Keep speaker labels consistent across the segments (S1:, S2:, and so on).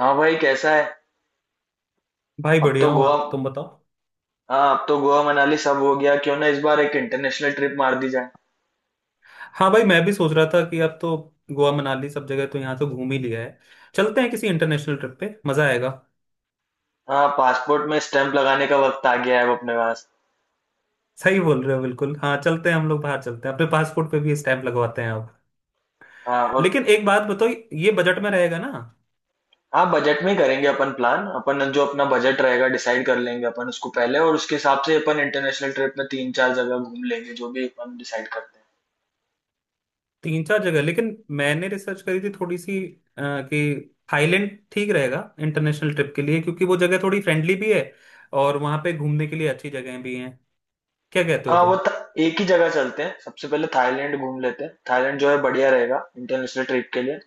S1: हाँ भाई कैसा है।
S2: भाई
S1: अब
S2: बढ़िया
S1: तो
S2: हूँ,
S1: गोवा।
S2: तुम बताओ।
S1: हाँ, अब तो गोवा मनाली सब हो गया, क्यों ना इस बार एक इंटरनेशनल ट्रिप मार दी जाए।
S2: हाँ भाई, मैं भी सोच रहा था कि अब तो गोवा मनाली सब जगह तो यहाँ तो घूम ही लिया है। चलते हैं किसी इंटरनेशनल ट्रिप पे, मजा आएगा।
S1: हाँ, पासपोर्ट में स्टैंप लगाने का वक्त आ गया है अब अपने पास।
S2: सही बोल रहे हो, बिल्कुल। हाँ, चलते हैं हम लोग बाहर, चलते हैं अपने पासपोर्ट पे भी स्टैंप लगवाते हैं अब।
S1: हाँ और।
S2: लेकिन एक बात बताओ, ये बजट में रहेगा ना?
S1: हाँ, बजट में ही करेंगे अपन प्लान। अपन जो अपना बजट रहेगा डिसाइड कर लेंगे अपन उसको पहले, और उसके हिसाब से अपन इंटरनेशनल ट्रिप में तीन चार जगह घूम लेंगे, जो भी अपन डिसाइड करते हैं।
S2: तीन चार जगह, लेकिन मैंने रिसर्च करी थी थोड़ी सी, कि थाईलैंड ठीक रहेगा इंटरनेशनल ट्रिप के लिए, क्योंकि वो जगह थोड़ी फ्रेंडली भी है। और वहाँ पे घूमने के लिए अच्छी जगह भी हैं। क्या कहते हो
S1: हाँ वो
S2: तुम?
S1: एक ही जगह चलते हैं, सबसे पहले थाईलैंड घूम लेते हैं। थाईलैंड जो है बढ़िया रहेगा इंटरनेशनल ट्रिप के लिए।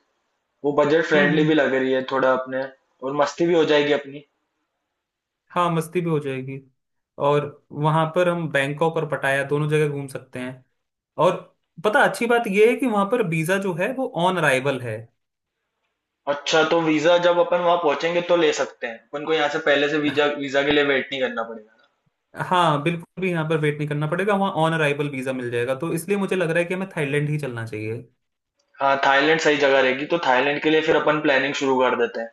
S1: वो बजट
S2: हम्म।
S1: फ्रेंडली भी
S2: हम्म।
S1: लग रही है थोड़ा अपने। और मस्ती भी हो जाएगी अपनी।
S2: हाँ, मस्ती भी हो जाएगी। और वहां पर हम बैंकॉक और पटाया दोनों जगह घूम सकते हैं। और पता, अच्छी बात यह है कि वहां पर वीजा जो है वो ऑन अराइवल है।
S1: अच्छा, तो वीजा जब अपन वहां पहुंचेंगे तो ले सकते हैं अपन को, यहाँ से पहले से वीजा वीजा के लिए वेट नहीं करना पड़ेगा
S2: हाँ, बिल्कुल भी यहाँ पर वेट नहीं करना पड़ेगा। वहाँ ऑन अराइवल वीजा मिल जाएगा, तो इसलिए मुझे लग रहा है कि हमें थाईलैंड ही चलना चाहिए।
S1: ना। हाँ, थाईलैंड सही जगह रहेगी, तो थाईलैंड के लिए फिर अपन प्लानिंग शुरू कर देते हैं,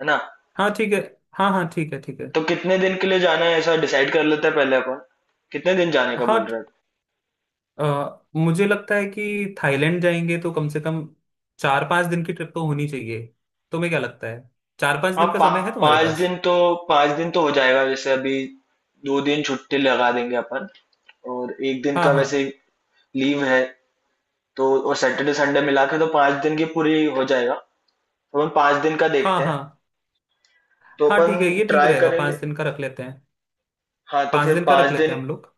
S1: है ना।
S2: हाँ, ठीक है। हाँ हाँ, ठीक है, ठीक है।
S1: तो कितने दिन के लिए जाना है ऐसा डिसाइड कर लेते हैं पहले अपन। कितने दिन जाने का बोल
S2: हाँ,
S1: रहे हैं।
S2: मुझे लगता है कि थाईलैंड जाएंगे तो कम से कम 4-5 दिन की ट्रिप तो होनी चाहिए। तुम्हें क्या लगता है? चार पांच
S1: हाँ
S2: दिन का समय है तुम्हारे
S1: पाँच
S2: पास?
S1: दिन तो, पाँच दिन तो हो जाएगा जैसे अभी। 2 दिन छुट्टी लगा देंगे अपन, और एक दिन
S2: हाँ।
S1: का वैसे
S2: हाँ।
S1: लीव है। तो और सैटरडे संडे मिला के तो पाँच दिन की पूरी हो जाएगा, तो अपन पाँच दिन का
S2: हाँ।
S1: देखते हैं,
S2: हाँ।
S1: तो
S2: हाँ, ठीक है,
S1: अपन
S2: ये ठीक
S1: ट्राई
S2: रहेगा, पाँच
S1: करेंगे।
S2: दिन का रख लेते हैं।
S1: हाँ तो
S2: पाँच
S1: फिर
S2: दिन का
S1: पाँच
S2: रख लेते
S1: दिन।
S2: हैं हम लोग।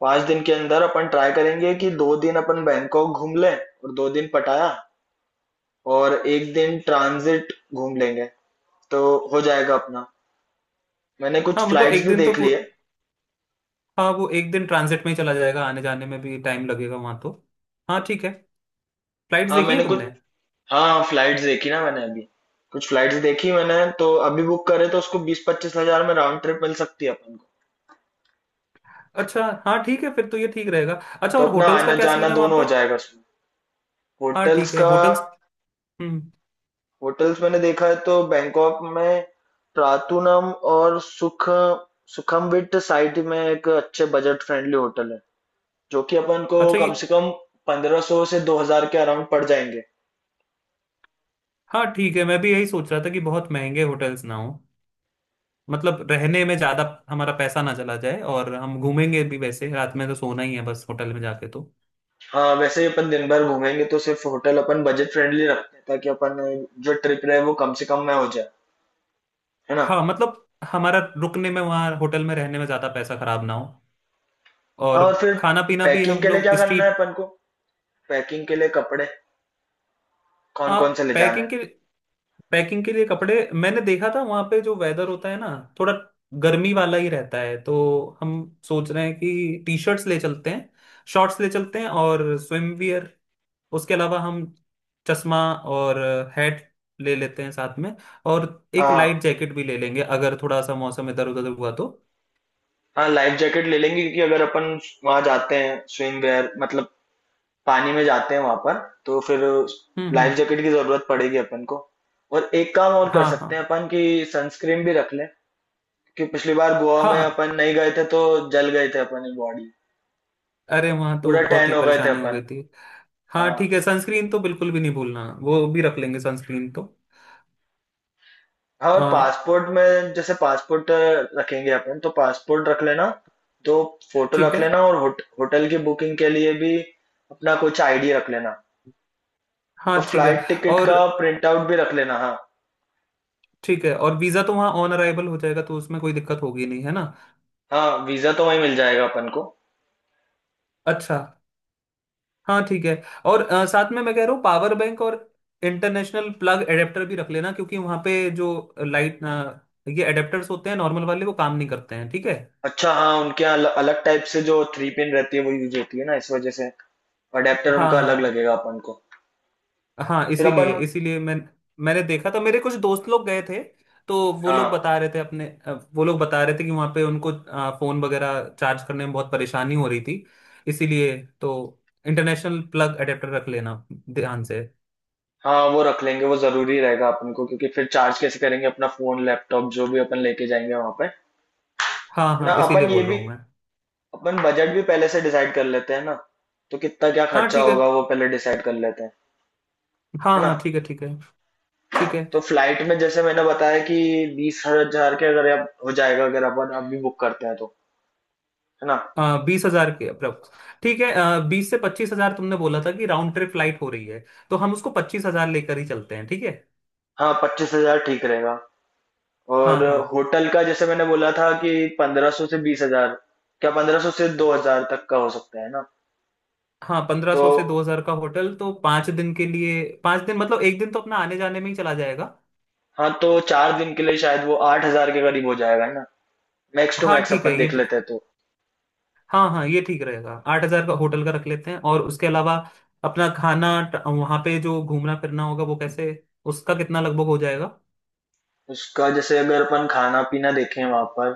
S1: पाँच दिन के अंदर अपन ट्राई करेंगे कि दो दिन अपन बैंकॉक घूम लें और दो दिन पटाया, और एक दिन ट्रांजिट घूम लेंगे। तो हो जाएगा अपना। मैंने कुछ
S2: हाँ, मतलब
S1: फ्लाइट्स
S2: एक
S1: भी
S2: दिन तो
S1: देख ली है।
S2: हाँ, वो एक दिन ट्रांजिट में ही चला जाएगा, आने जाने में भी टाइम लगेगा वहाँ तो। हाँ, ठीक है। फ्लाइट्स
S1: हाँ
S2: देखी हैं
S1: मैंने कुछ।
S2: तुमने?
S1: हाँ फ्लाइट्स देखी ना मैंने अभी, कुछ फ्लाइट्स देखी मैंने। तो अभी बुक करे तो उसको 20-25 हजार में राउंड ट्रिप मिल सकती है अपन को।
S2: अच्छा, हाँ ठीक है, फिर तो ये ठीक रहेगा। अच्छा,
S1: तो
S2: और
S1: अपना
S2: होटल्स का
S1: आना
S2: क्या
S1: जाना
S2: सीन है वहाँ
S1: दोनों हो
S2: पर?
S1: जाएगा उसमें।
S2: हाँ, ठीक
S1: होटल्स
S2: है।
S1: का।
S2: होटल्स। हम्म।
S1: होटल्स मैंने देखा है तो बैंकॉक में ट्रातुनम और सुखमविट साइट में एक अच्छे बजट फ्रेंडली होटल है, जो कि अपन को
S2: अच्छा, ये
S1: कम से कम 1500 से 2000 के अराउंड पड़ जाएंगे।
S2: हाँ ठीक है, मैं भी यही सोच रहा था कि बहुत महंगे होटल्स ना हो, मतलब रहने में ज़्यादा हमारा पैसा ना चला जाए, और हम घूमेंगे भी, वैसे रात में तो सोना ही है बस होटल में जाके तो।
S1: हाँ वैसे ही अपन दिन भर घूमेंगे तो सिर्फ होटल अपन बजट फ्रेंडली रखते हैं, ताकि अपन जो ट्रिप रहे वो कम से कम में हो जाए, है ना।
S2: हाँ मतलब, हमारा रुकने में, वहाँ होटल में रहने में ज़्यादा पैसा खराब ना हो,
S1: हाँ
S2: और
S1: और फिर
S2: खाना पीना भी
S1: पैकिंग
S2: हम
S1: के लिए
S2: लोग
S1: क्या करना है
S2: स्ट्रीट...
S1: अपन को। पैकिंग के लिए कपड़े कौन
S2: हाँ।
S1: कौन से ले जाने हैं।
S2: पैकिंग के पैकिंग के लिए कपड़े मैंने देखा था, वहाँ पे जो वेदर होता है ना, थोड़ा गर्मी वाला ही रहता है, तो हम सोच रहे हैं कि टी शर्ट्स ले चलते हैं, शॉर्ट्स ले चलते हैं और स्विम वियर। उसके अलावा हम चश्मा और हैट ले लेते हैं साथ में। और एक
S1: हाँ
S2: लाइट जैकेट भी ले लेंगे, अगर थोड़ा सा मौसम इधर उधर हुआ तो।
S1: हाँ, लाइफ जैकेट ले लेंगे, क्योंकि अगर अपन वहां जाते हैं, स्विम वेयर मतलब पानी में जाते हैं वहां पर, तो फिर
S2: हम्म।
S1: लाइफ
S2: हम्म।
S1: जैकेट की जरूरत पड़ेगी अपन को। और एक काम और कर
S2: हाँ
S1: सकते हैं
S2: हाँ।
S1: अपन, कि सनस्क्रीन भी रख लें, कि पिछली बार गोवा में
S2: हाँ।
S1: अपन नहीं गए थे तो जल गए थे अपनी बॉडी,
S2: अरे, वहां तो
S1: पूरा
S2: बहुत
S1: टैन
S2: ही
S1: हो गए थे
S2: परेशानी हो
S1: अपन।
S2: गई थी। हाँ
S1: हाँ
S2: ठीक है, सनस्क्रीन तो बिल्कुल भी नहीं भूलना, वो भी रख लेंगे सनस्क्रीन तो।
S1: हाँ, और
S2: आ,
S1: पासपोर्ट में, जैसे पासपोर्ट रखेंगे अपन, तो पासपोर्ट रख लेना, दो फोटो
S2: ठीक
S1: रख
S2: है।
S1: लेना, और होटल की बुकिंग के लिए भी अपना कुछ आईडी रख लेना। और
S2: हाँ, ठीक है।
S1: फ्लाइट टिकट
S2: और
S1: का प्रिंट आउट भी रख लेना, हाँ।
S2: ठीक है, और वीज़ा तो वहाँ ऑन अराइवल हो जाएगा, तो उसमें कोई दिक्कत होगी नहीं, है ना?
S1: हाँ वीजा तो वहीं मिल जाएगा अपन को।
S2: अच्छा, हाँ ठीक है। और साथ में मैं कह रहा हूँ, पावर बैंक और इंटरनेशनल प्लग एडेप्टर भी रख लेना, क्योंकि वहाँ पे जो लाइट, ये एडेप्टर्स होते हैं, नॉर्मल वाले वो काम नहीं करते हैं, ठीक है।
S1: अच्छा हाँ, उनके यहाँ अलग टाइप से जो थ्री पिन रहती है वो यूज होती है ना, इस वजह से अडेप्टर
S2: हाँ
S1: उनका अलग
S2: हाँ।
S1: लगेगा अपन को।
S2: हाँ,
S1: फिर अपन।
S2: इसीलिए इसीलिए मैं, मैंने देखा था, मेरे कुछ दोस्त लोग गए थे, तो वो लोग
S1: हाँ
S2: बता रहे थे अपने, वो लोग बता रहे थे कि वहाँ पे उनको फोन वगैरह चार्ज करने में बहुत परेशानी हो रही थी। इसीलिए, तो इंटरनेशनल प्लग अडेप्टर रख लेना ध्यान से।
S1: हाँ वो रख लेंगे, वो जरूरी रहेगा अपन को, क्योंकि फिर चार्ज कैसे करेंगे अपना फोन लैपटॉप जो भी अपन लेके जाएंगे वहां पे।
S2: हाँ
S1: है ना।
S2: हाँ, इसीलिए
S1: अपन ये
S2: बोल
S1: भी,
S2: रहा हूँ मैं।
S1: अपन बजट भी पहले से डिसाइड कर लेते हैं ना, तो कितना क्या
S2: हाँ,
S1: खर्चा
S2: ठीक है।
S1: होगा वो पहले डिसाइड कर लेते हैं, है
S2: हाँ
S1: ना।
S2: हाँ, ठीक है, ठीक है। ठीक है।
S1: तो फ्लाइट में जैसे मैंने बताया कि 20 हजार के अगर अब हो जाएगा, अगर अपन अभी बुक करते हैं तो, है ना।
S2: 20,000 के अप्रोक्स। ठीक है, बीस से पच्चीस हजार तुमने बोला था कि राउंड ट्रिप फ्लाइट हो रही है, तो हम उसको 25,000 लेकर ही चलते हैं, ठीक है।
S1: हाँ पच्चीस हजार ठीक रहेगा।
S2: हाँ
S1: और
S2: हाँ।
S1: होटल का जैसे मैंने बोला था कि 1500 से 20,000, क्या 1500 से 2,000 तक का हो सकता है ना।
S2: हाँ, पंद्रह
S1: तो
S2: सौ से 2,000 का होटल तो 5 दिन के लिए, पाँच दिन मतलब एक दिन तो अपना आने जाने में ही चला जाएगा।
S1: हाँ, तो 4 दिन के लिए शायद वो 8,000 के करीब हो जाएगा, है ना, मैक्स टू
S2: हाँ
S1: मैक्स
S2: ठीक है,
S1: अपन देख लेते हैं। तो
S2: हाँ हाँ, ये ठीक रहेगा, 8,000 का होटल का रख लेते हैं, और उसके अलावा अपना खाना वहाँ पे जो घूमना फिरना होगा वो कैसे, उसका कितना लगभग हो जाएगा?
S1: उसका, जैसे अगर अपन खाना पीना देखें वहां पर,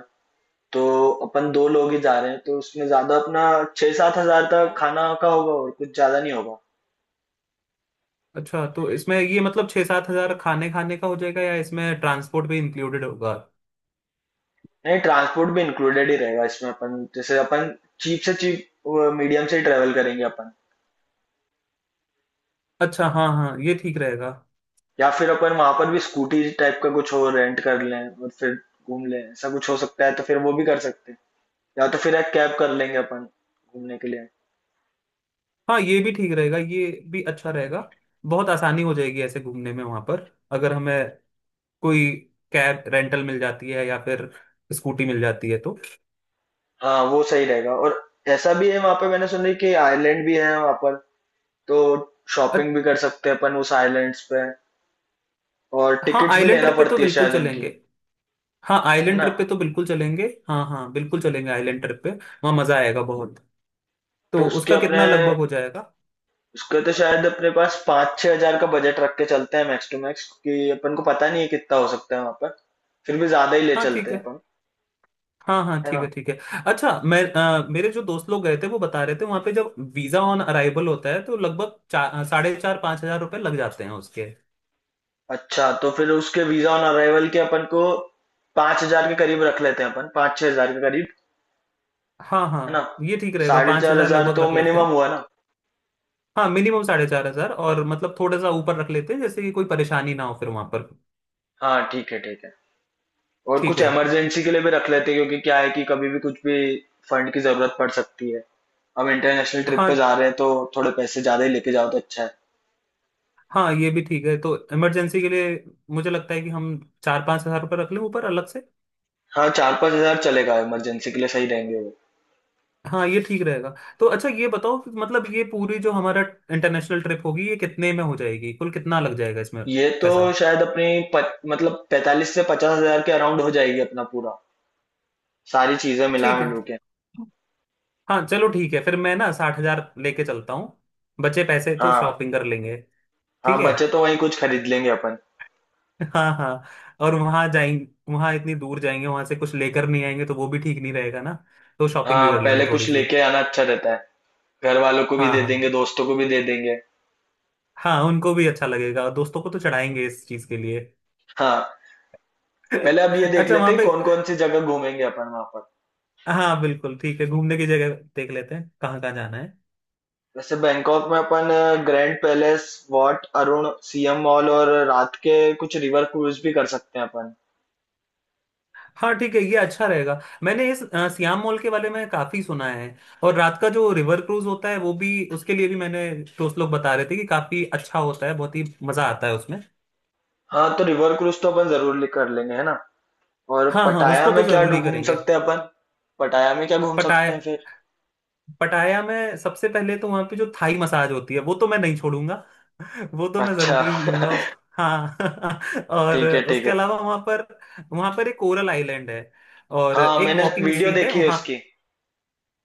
S1: तो अपन दो लोग ही जा रहे हैं तो उसमें ज्यादा अपना 6-7 हजार तक खाना का होगा, और कुछ ज्यादा नहीं होगा।
S2: अच्छा, तो इसमें ये मतलब छः सात हजार खाने खाने का हो जाएगा, या इसमें ट्रांसपोर्ट भी इंक्लूडेड होगा?
S1: नहीं, ट्रांसपोर्ट भी इंक्लूडेड ही रहेगा इसमें, अपन जैसे अपन चीप से चीप मीडियम से ही ट्रेवल करेंगे अपन।
S2: अच्छा, हाँ हाँ, ये ठीक रहेगा।
S1: या फिर अपन वहां पर भी स्कूटी टाइप का कुछ और रेंट कर लें और फिर घूम लें, ऐसा कुछ हो सकता है तो फिर वो भी कर सकते हैं, या तो फिर एक कैब कर लेंगे अपन घूमने के लिए।
S2: हाँ, ये भी ठीक रहेगा, ये भी अच्छा रहेगा। बहुत आसानी हो जाएगी ऐसे घूमने में, वहाँ पर अगर हमें कोई कैब रेंटल मिल जाती है, या फिर स्कूटी मिल जाती है तो।
S1: हाँ वो सही रहेगा। और ऐसा भी है वहां पे, मैंने सुना है कि आइलैंड भी है वहां पर, तो
S2: अ-
S1: शॉपिंग भी कर सकते हैं अपन उस आइलैंड्स पे। और
S2: हाँ,
S1: टिकट्स भी
S2: आइलैंड
S1: लेना
S2: ट्रिप पे तो
S1: पड़ती है
S2: बिल्कुल
S1: शायद
S2: चलेंगे।
S1: उनकी,
S2: हाँ,
S1: है
S2: आइलैंड
S1: ना।
S2: ट्रिप पे तो बिल्कुल चलेंगे। हाँ हाँ, बिल्कुल चलेंगे आइलैंड ट्रिप पे, वहाँ मजा आएगा बहुत।
S1: तो
S2: तो
S1: उसके
S2: उसका
S1: अपने,
S2: कितना लगभग हो जाएगा?
S1: उसके तो शायद अपने पास 5-6 हजार का बजट रख के चलते हैं मैक्स टू मैक्स, क्योंकि अपन को पता नहीं है कितना हो सकता है वहां पर, फिर भी ज्यादा ही ले
S2: हाँ,
S1: चलते
S2: ठीक
S1: हैं
S2: है।
S1: अपन,
S2: हाँ हाँ,
S1: है
S2: ठीक
S1: ना।
S2: है, ठीक है। अच्छा, मैं, मेरे जो दोस्त लोग गए थे, वो बता रहे थे वहाँ पे जब वीजा ऑन अराइवल होता है तो लगभग चार, साढ़े चार, पाँच हजार रुपये लग जाते हैं उसके।
S1: अच्छा तो फिर उसके वीजा ऑन अराइवल के अपन को 5000 के करीब रख लेते हैं अपन, 5 छह हजार के करीब,
S2: हाँ हाँ,
S1: है ना।
S2: ये ठीक रहेगा,
S1: साढ़े
S2: पाँच
S1: चार
S2: हजार
S1: हजार
S2: लगभग
S1: तो
S2: रख लेते
S1: मिनिमम
S2: हैं।
S1: हुआ ना।
S2: हाँ, मिनिमम 4,500, और मतलब थोड़ा सा ऊपर रख लेते हैं जैसे कि कोई परेशानी ना हो फिर वहां पर।
S1: हाँ ठीक है, ठीक है। और
S2: ठीक
S1: कुछ
S2: है।
S1: इमरजेंसी के लिए भी रख लेते हैं, क्योंकि क्या है कि कभी भी कुछ भी फंड की जरूरत पड़ सकती है, हम इंटरनेशनल ट्रिप पे
S2: हाँ
S1: जा रहे हैं तो थोड़े पैसे ज्यादा ही लेके जाओ तो अच्छा है।
S2: हाँ, ये भी ठीक है, तो इमरजेंसी के लिए मुझे लगता है कि हम चार पाँच हजार रुपये रख लें ऊपर अलग से।
S1: हाँ 4-5 हजार चलेगा, इमरजेंसी के लिए सही रहेंगे वो।
S2: हाँ, ये ठीक रहेगा। तो अच्छा, ये बताओ कि मतलब ये पूरी जो हमारा इंटरनेशनल ट्रिप होगी, ये कितने में हो जाएगी, कुल कितना लग जाएगा इसमें
S1: ये तो
S2: पैसा?
S1: शायद अपनी, मतलब 45-50 हजार के अराउंड हो जाएगी अपना पूरा, सारी चीजें मिला
S2: ठीक है।
S1: मिलू के।
S2: हाँ चलो, ठीक है, फिर मैं ना 60,000 लेके चलता हूँ, बचे पैसे तो
S1: हाँ
S2: शॉपिंग कर लेंगे। ठीक
S1: हाँ,
S2: है।
S1: बचे तो वहीं कुछ खरीद लेंगे अपन।
S2: हाँ हाँ। और वहां जाएंगे, वहां इतनी दूर जाएंगे, वहां से कुछ लेकर नहीं आएंगे तो वो भी ठीक नहीं रहेगा ना, तो शॉपिंग भी
S1: हाँ
S2: कर लेंगे
S1: पहले कुछ
S2: थोड़ी सी।
S1: लेके आना अच्छा रहता है, घर वालों को भी
S2: हाँ
S1: दे देंगे,
S2: हाँ।
S1: दोस्तों को भी दे देंगे।
S2: हाँ, उनको भी अच्छा लगेगा, और दोस्तों को तो चढ़ाएंगे इस चीज के लिए।
S1: हाँ पहले अब ये देख
S2: अच्छा,
S1: लेते
S2: वहां
S1: हैं
S2: पे
S1: कौन कौन सी जगह घूमेंगे अपन वहां पर।
S2: हाँ बिल्कुल ठीक है, घूमने की जगह देख लेते हैं कहाँ कहाँ जाना है।
S1: वैसे बैंकॉक में अपन grand palace, Wat Arun, Siam mall, और रात के कुछ रिवर क्रूज भी कर सकते हैं अपन।
S2: हाँ ठीक है, ये अच्छा रहेगा। मैंने इस सियाम मॉल के बारे में काफी सुना है, और रात का जो रिवर क्रूज होता है वो भी, उसके लिए भी मैंने, दोस्त लोग बता रहे थे कि काफी अच्छा होता है, बहुत ही मजा आता है उसमें।
S1: हाँ तो रिवर क्रूज तो अपन जरूर कर लेंगे, है ना। और
S2: हाँ हाँ,
S1: पटाया
S2: उसको तो
S1: में क्या
S2: जरूरी
S1: घूम
S2: करेंगे।
S1: सकते हैं अपन। पटाया में क्या घूम सकते हैं
S2: पटाया।
S1: फिर।
S2: पटाया में सबसे पहले तो वहां पे जो थाई मसाज होती है वो तो मैं नहीं छोड़ूंगा। वो तो मैं
S1: अच्छा
S2: जरूरी लूंगा उसको, हाँ। और
S1: ठीक है, ठीक
S2: उसके
S1: है।
S2: अलावा वहां पर, वहां पर एक कोरल आइलैंड है, और
S1: हाँ
S2: एक
S1: मैंने
S2: वॉकिंग
S1: वीडियो
S2: स्ट्रीट है
S1: देखी है
S2: वहाँ।
S1: उसकी।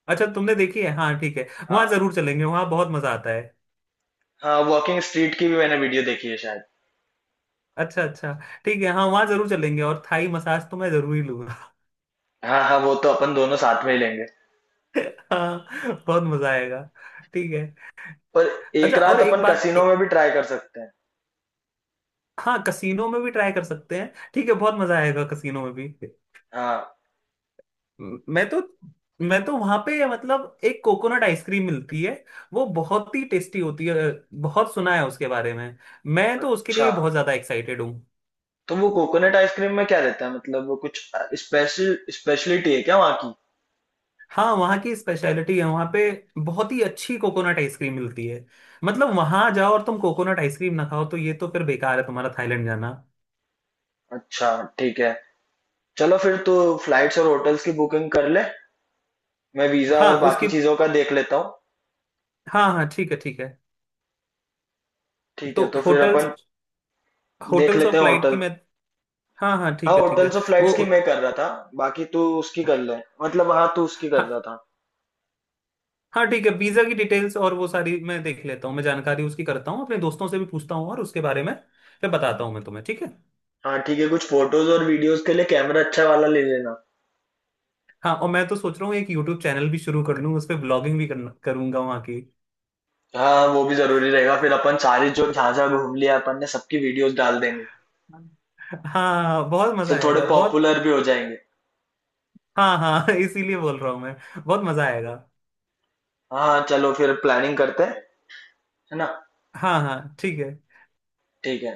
S2: अच्छा, तुमने देखी है, हाँ ठीक है, वहां
S1: हाँ
S2: जरूर चलेंगे, वहां बहुत मजा आता है।
S1: हाँ, वॉकिंग स्ट्रीट की भी मैंने वीडियो देखी है शायद।
S2: अच्छा अच्छा, ठीक है। हाँ, वहां जरूर चलेंगे, और थाई मसाज तो मैं जरूरी लूंगा।
S1: हाँ हाँ वो तो अपन दोनों साथ में ही लेंगे।
S2: हाँ। बहुत मजा आएगा। ठीक है।
S1: पर एक
S2: अच्छा, और
S1: रात
S2: एक
S1: अपन
S2: बात
S1: कसिनो में भी ट्राई कर सकते हैं।
S2: हाँ, कसीनो में भी ट्राई कर सकते हैं, ठीक है, बहुत मजा आएगा कसीनो में भी।
S1: हाँ।
S2: मैं तो, मैं तो वहां पे मतलब एक कोकोनट आइसक्रीम मिलती है, वो बहुत ही टेस्टी होती है, बहुत सुना है उसके बारे में, मैं तो उसके लिए
S1: अच्छा,
S2: भी बहुत ज्यादा एक्साइटेड हूँ।
S1: तो वो कोकोनट आइसक्रीम में क्या रहता है, मतलब वो कुछ स्पेशलिटी है क्या वहाँ की।
S2: हाँ, वहाँ की स्पेशलिटी है, वहाँ पे बहुत ही अच्छी कोकोनट आइसक्रीम मिलती है, मतलब वहां जाओ और तुम कोकोनट आइसक्रीम ना खाओ तो ये तो फिर बेकार है तुम्हारा थाईलैंड जाना।
S1: अच्छा ठीक है। चलो फिर तो फ्लाइट्स और होटल्स की बुकिंग कर ले, मैं वीजा
S2: हाँ,
S1: और बाकी
S2: उसकी,
S1: चीजों का देख लेता हूँ।
S2: हाँ हाँ, ठीक है, ठीक है।
S1: ठीक
S2: तो
S1: है, तो फिर
S2: होटल्स,
S1: अपन देख
S2: होटल्स
S1: लेते
S2: और
S1: हैं
S2: फ्लाइट की
S1: होटल।
S2: मैं... हाँ हाँ,
S1: हाँ
S2: ठीक है, ठीक है।
S1: होटल्स और
S2: वो,
S1: फ्लाइट्स की मैं कर रहा था, बाकी तू उसकी कर ले, मतलब हाँ तू उसकी कर रहा
S2: हाँ,
S1: था।
S2: हाँ ठीक है, वीजा की डिटेल्स और वो सारी मैं देख लेता हूँ, मैं जानकारी उसकी करता हूँ, अपने दोस्तों से भी पूछता हूँ और उसके बारे में, फिर बताता हूँ मैं तुम्हें, ठीक है।
S1: हाँ ठीक है, कुछ फोटोज और वीडियोस के लिए कैमरा अच्छा वाला ले लेना।
S2: हाँ, और मैं तो सोच रहा हूँ एक यूट्यूब चैनल भी शुरू कर लूँ, उस पर ब्लॉगिंग भी करूंगा वहाँ की।
S1: हाँ वो भी जरूरी रहेगा, फिर अपन सारी, जो जहाँ जहाँ घूम लिया अपन ने सबकी वीडियोस डाल देंगे।
S2: हाँ, हाँ, हाँ, बहुत मजा
S1: तो थोड़े
S2: आएगा बहुत।
S1: पॉपुलर भी हो जाएंगे।
S2: हाँ हाँ, इसीलिए बोल रहा हूँ मैं, बहुत मजा आएगा।
S1: हाँ चलो फिर प्लानिंग करते हैं, है ना।
S2: हाँ हाँ, ठीक है।
S1: ठीक है।